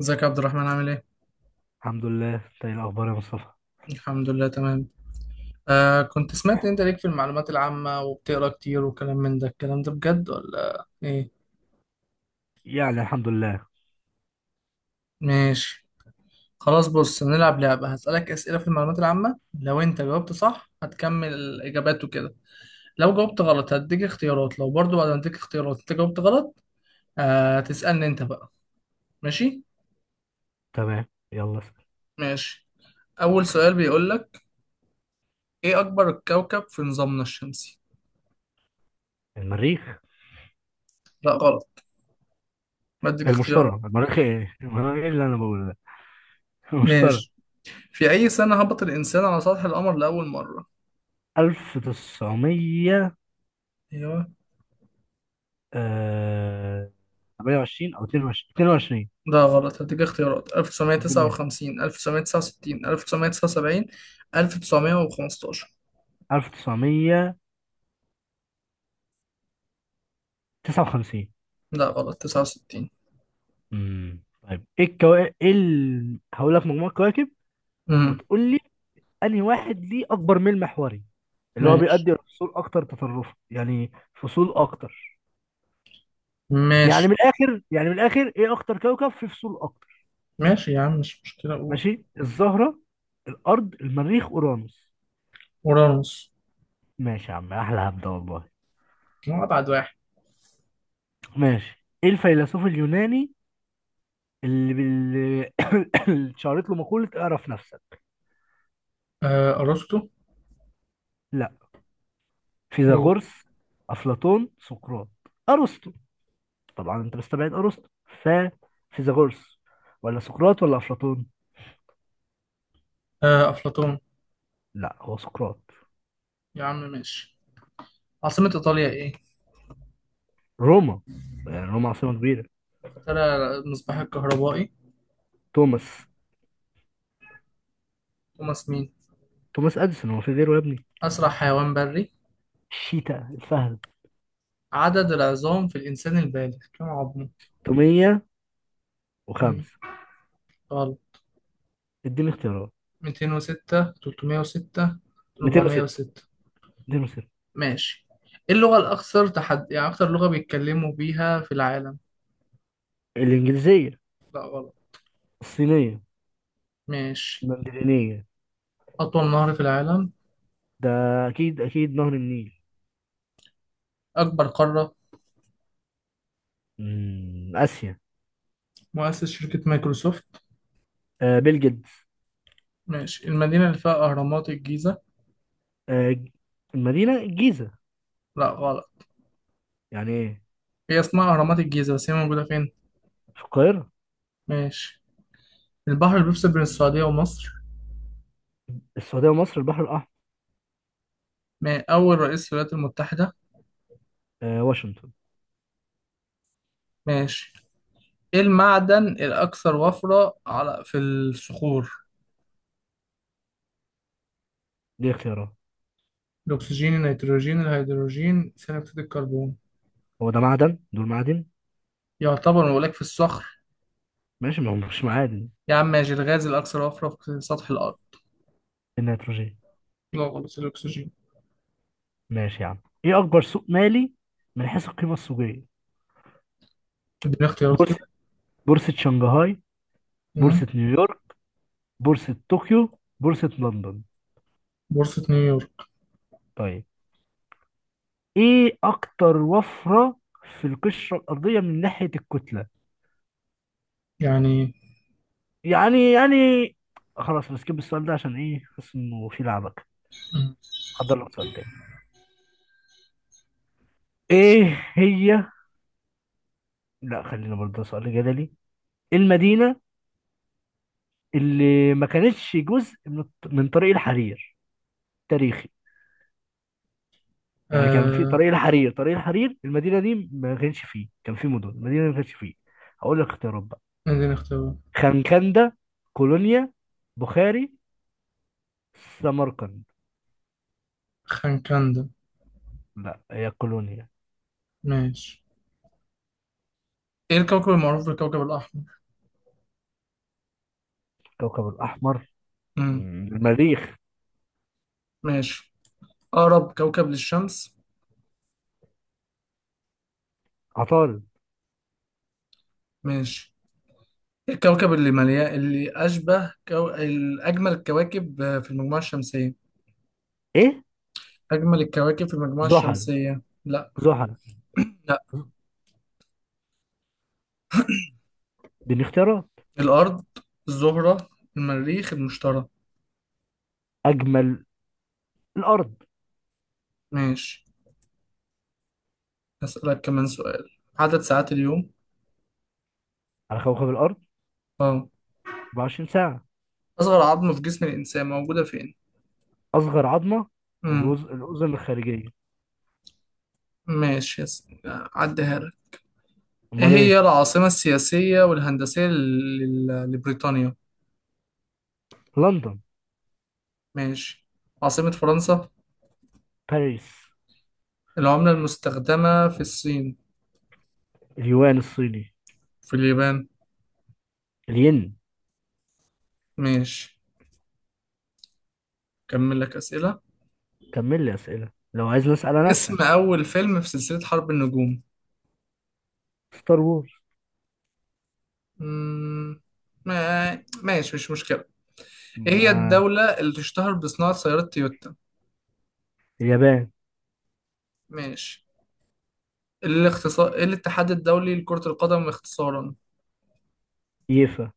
ازيك يا عبد الرحمن عامل ايه؟ الحمد لله. انت ايه الاخبار يا مصطفى؟ الحمد لله تمام. كنت سمعت إن انت ليك في المعلومات العامة وبتقرا كتير وكلام من ده الكلام ده بجد ولا ايه؟ يعني الحمد لله. ماشي. خلاص بص هنلعب لعبة هسألك أسئلة في المعلومات العامة، لو انت جاوبت صح هتكمل الإجابات وكده، لو جاوبت غلط هديك اختيارات، لو برضو بعد ما اديك اختيارات انت جاوبت غلط تسألني انت بقى. ماشي؟ تمام، يلا اسأل. ماشي. أول سؤال بيقولك: ايه أكبر كوكب في نظامنا الشمسي؟ المريخ. لا غلط، بديك المشتري اختيارات. المريخ ايه المريخ ايه اللي انا بقوله ده؟ المشتري. ماشي. في أي سنة هبط الإنسان على سطح القمر لأول مرة؟ 1900. أيوه. آه، 28 او 22. 22. ده غلط، هديك اختيارات: اديني. 1959، 1969، 1979، 1915. 1959. لا غلط، 69. امم، طيب ايه الكواكب، هقول لك مجموعة كواكب امم وتقول لي انهي واحد ليه اكبر ميل محوري، اللي هو ماشي بيؤدي الفصول اكتر تطرفا، يعني فصول اكتر. ماشي. يعني من الاخر ايه اكتر كوكب في فصول اكتر؟ ماشي يا عم مش مشكلة أقول ماشي، الزهره، الارض، المريخ، اورانوس. أورانوس. ماشي يا عم، احلى هبده والله. هو أبعد واحد. ماشي، ايه الفيلسوف اليوناني اللي بال... اللي اتشهرت له مقوله اعرف نفسك؟ أرسطو. لا. قول. فيثاغورس، افلاطون، سقراط، ارسطو. طبعا انت مستبعد ارسطو، ف فيثاغورس ولا سقراط ولا افلاطون. أفلاطون. لا، هو سقراط. يا عم ماشي. عاصمة إيطاليا إيه؟ روما، يعني روما عاصمه كبيره. اخترع المصباح الكهربائي. توماس. توماس مين؟ توماس اديسون، هو في غيره يا ابني؟ أسرع حيوان بري. الشيتا، الفهد. عدد العظام في الإنسان البالغ كم عظمه؟ 305. غلط. اديني اختيارات. 206، 306، 206. 406. 206. ماشي. إيه اللغة الأكثر تحد، يعني أكثر لغة بيتكلموا بيها في العالم؟ الإنجليزية. لا غلط. الصينية. ماشي. المندرينية. أطول نهر في العالم. ده أكيد أكيد نهر النيل. أكبر قارة. مم. آسيا. مؤسس شركة مايكروسوفت. آه، بيل جيتس. ماشي. المدينة اللي فيها أهرامات الجيزة. آه ج- المدينة الجيزة. لا غلط. يعني إيه؟ هي اسمها أهرامات الجيزة بس هي موجودة فين؟ في القاهرة. ماشي. البحر اللي بيفصل بين السعودية ومصر. السعودية ومصر، البحر الأحمر. ما أول رئيس للولايات المتحدة. آه، واشنطن. ماشي. إيه المعدن الأكثر وفرة على في الصخور؟ دي اختيارات؟ الأكسجين، النيتروجين، الهيدروجين، ثاني أكسيد الكربون. هو ده معدن؟ دول معادن؟ يعتبر مولاك في الصخر. ماشي، ما هو مش معادن. يا عم ماشي. الغاز الأكثر وفرة في سطح الأرض. النيتروجين. لا غلط، الأكسجين. ماشي يا عم. إيه أكبر سوق مالي من حيث القيمة السوقية؟ اديني اختيارات بورصة، كده. بورصة شنغهاي، مم. بورصة نيويورك، بورصة طوكيو، بورصة لندن. بورصة نيويورك. طيب، ايه اكتر وفرة في القشرة الأرضية من ناحية الكتلة؟ يعني. يعني خلاص بسكيب السؤال ده، عشان ايه حاسس انه في لعبك. مم. حضر لك سؤال تاني. ايه هي لا خلينا برضه سؤال جدلي. المدينة اللي ما كانتش جزء من طريق الحرير تاريخي. يعني كان في آه طريق الحرير، طريق الحرير المدينة دي ما كانش فيه، كان في مدن المدينة دي ما كانش فيه. هقول لك اختيارات. اديني اختيارات. خنكندة، كولونيا، بخاري، سمرقند. خنكندا. لا، هي كولونيا. ماشي. ايه الكوكب المعروف بالكوكب الأحمر؟ كوكب الأحمر؟ مم. مم. المريخ. ماشي. أقرب كوكب للشمس. عطارد. ماشي. إيه الكوكب اللي مليان اللي الأجمل الكواكب في المجموعة الشمسية؟ إيه؟ أجمل الكواكب في المجموعة زحل، الشمسية؟ لا زحل. لا. دي اختيارات؟ الأرض، الزهرة، المريخ، المشتري. أجمل، الأرض. ماشي. هسألك كمان سؤال. عدد ساعات اليوم. على كوكب الأرض. اه. 24 ساعة. أصغر عظمة في جسم الإنسان موجودة فين؟ أصغر عظمة، مم. الوز... الأذن الخارجية. ماشي عديها لك. إيه أمال هي إيه؟ العاصمة السياسية والهندسية لبريطانيا؟ لندن. ماشي. عاصمة فرنسا. باريس. العملة المستخدمة في الصين. اليوان الصيني. في اليابان. الين. ماشي. كمل لك أسئلة. كمل لي أسئلة، لو عايز نسأل أنا اسم أسأل. أول فيلم في سلسلة حرب النجوم. ستار وورز. مم. ماشي مش مشكلة. ايه هي ما- الدولة اللي تشتهر بصناعة سيارات تويوتا؟ اليابان. ماشي. الاختصار ايه الاتحاد الدولي لكرة القدم اختصارا؟ ييفا.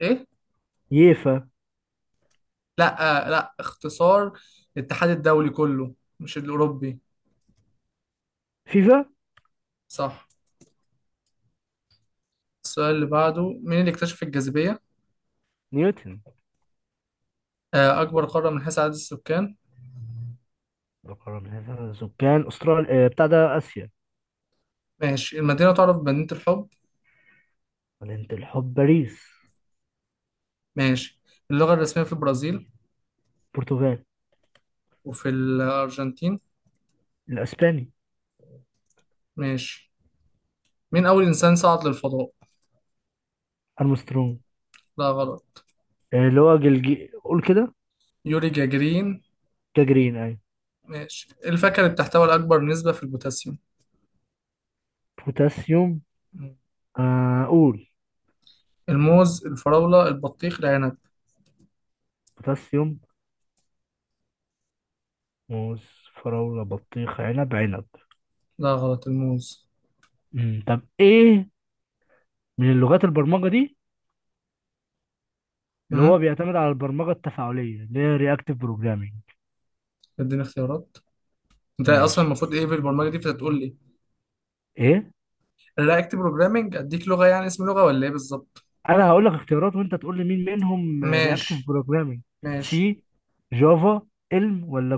ايه؟ ييفا. لا. لا اختصار الاتحاد الدولي كله، مش الأوروبي. فيفا. صح. السؤال اللي بعده: مين اللي اكتشف الجاذبية؟ نيوتن. أكبر قارة من حيث عدد السكان. القرن هذا سكان استراليا، آه، بتاع ده اسيا. ماشي. المدينة تعرف بمدينة الحب. مدينة الحب، باريس. ماشي. اللغة الرسمية في البرازيل. برتغال. وفي الأرجنتين. الاسباني. ماشي. مين أول إنسان صعد للفضاء؟ ارمسترونج. لا غلط. آه، اللي هو جلجي، قول كده. يوري جاجرين. كجرين، ايوه. ماشي. الفاكهة اللي بتحتوي على أكبر نسبة في البوتاسيوم. بوتاسيوم. مم. آه، قول. الموز، الفراولة، البطيخ، العنب. بوتاسيوم، موز، فراولة، بطيخ، عنب، عنب. لا غلط، الموز. مم، طب ايه من اللغات البرمجة دي اللي هو امم بيعتمد على البرمجة التفاعلية اللي هي رياكتيف بروجرامينج؟ اديني اختيارات. انت اصلا ماشي، المفروض ايه في البرمجة دي بتقول لي؟ ايه؟ الرياكت بروجرامنج اديك لغة يعني اسم لغة ولا ايه بالظبط؟ انا هقول لك اختيارات وانت تقول لي مين منهم رياكتيف ماشي بروجرامينج. ماشي. سي، جافا، علم، ولا؟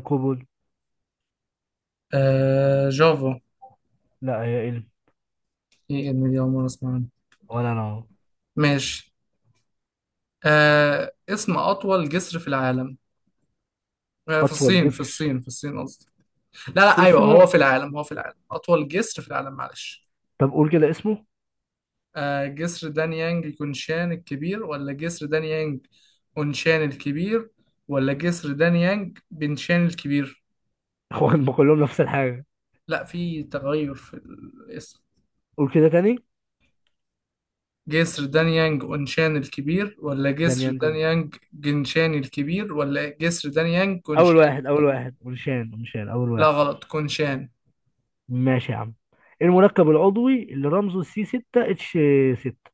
جافا. لا، هي علم. ايه ابني، دي أول مرة اسمع عنه. ولا انا أهو. ماشي. اسم أطول جسر في العالم. في اطول الصين، في جسر؟ الصين في الصين قصدي. لا لا سور ايوه، السينما. هو في العالم، هو في العالم، أطول جسر في العالم، معلش. طب قول كده اسمه. جسر دانيانج كونشان الكبير ولا جسر دانيانج اونشان الكبير ولا جسر دانيانج بنشان الكبير؟ هو هم كلهم نفس الحاجه. لا في تغير في الاسم. قول كده تاني. جسر دانيانج اونشان الكبير ولا جسر دانيان جون. دانيانج جنشان الكبير ولا جسر دانيانج اول كونشان واحد، اول الكبير؟ واحد، ونشان، ونشان اول لا واحد. غلط، كونشان. ماشي يا عم. إيه المركب العضوي اللي رمزه سي 6 اتش 6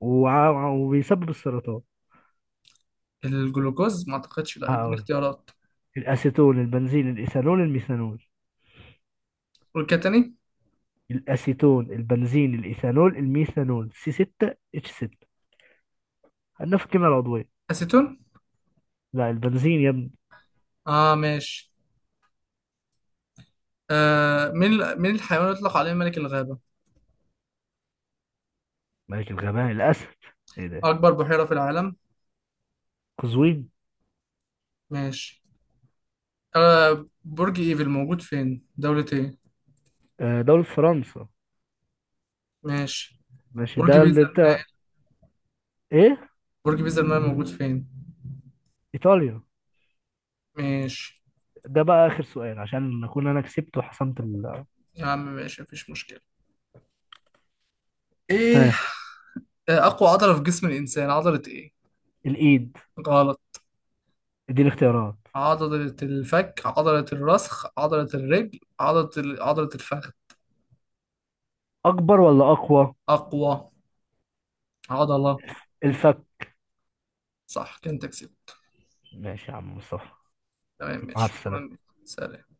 وبيسبب السرطان؟ الجلوكوز ما اعتقدش، لا اديني هقول. اختيارات. الاسيتون، البنزين، الايثانول، الميثانول. والكتاني. الاسيتون، البنزين، الايثانول، الميثانول، سي 6 اتش 6 عندنا في الكيمياء العضويه. اسيتون. لا، البنزين يا ابني. اه ماشي. آه من من الحيوان يطلق عليه ملك الغابة؟ ملك الغباء، الاسد. ايه ده؟ اكبر بحيرة في العالم. قزوين. ماشي. برج ايفل موجود فين، دولة ايه؟ آه، دولة فرنسا. ماشي. ماشي، برج ده اللي بيزا انت. المائل. ايه؟ برج بيزا المائل موجود فين؟ ايطاليا. ماشي ده بقى اخر سؤال عشان اكون انا كسبت وحسمت ال... يا عم، ماشي، مفيش مشكلة. ايه. ها. اقوى عضلة في جسم الانسان عضلة ايه؟ الايد. غلط. دي الاختيارات؟ عضلة الفك، عضلة الرسخ، عضلة الرجل، عضلة الفخذ. اكبر ولا اقوى؟ اقوى عضلة. الفك. صح، كنت تكسب. ماشي يا عم مصطفى. تمام مع ماشي. شكرا السلامة. لك. سلام.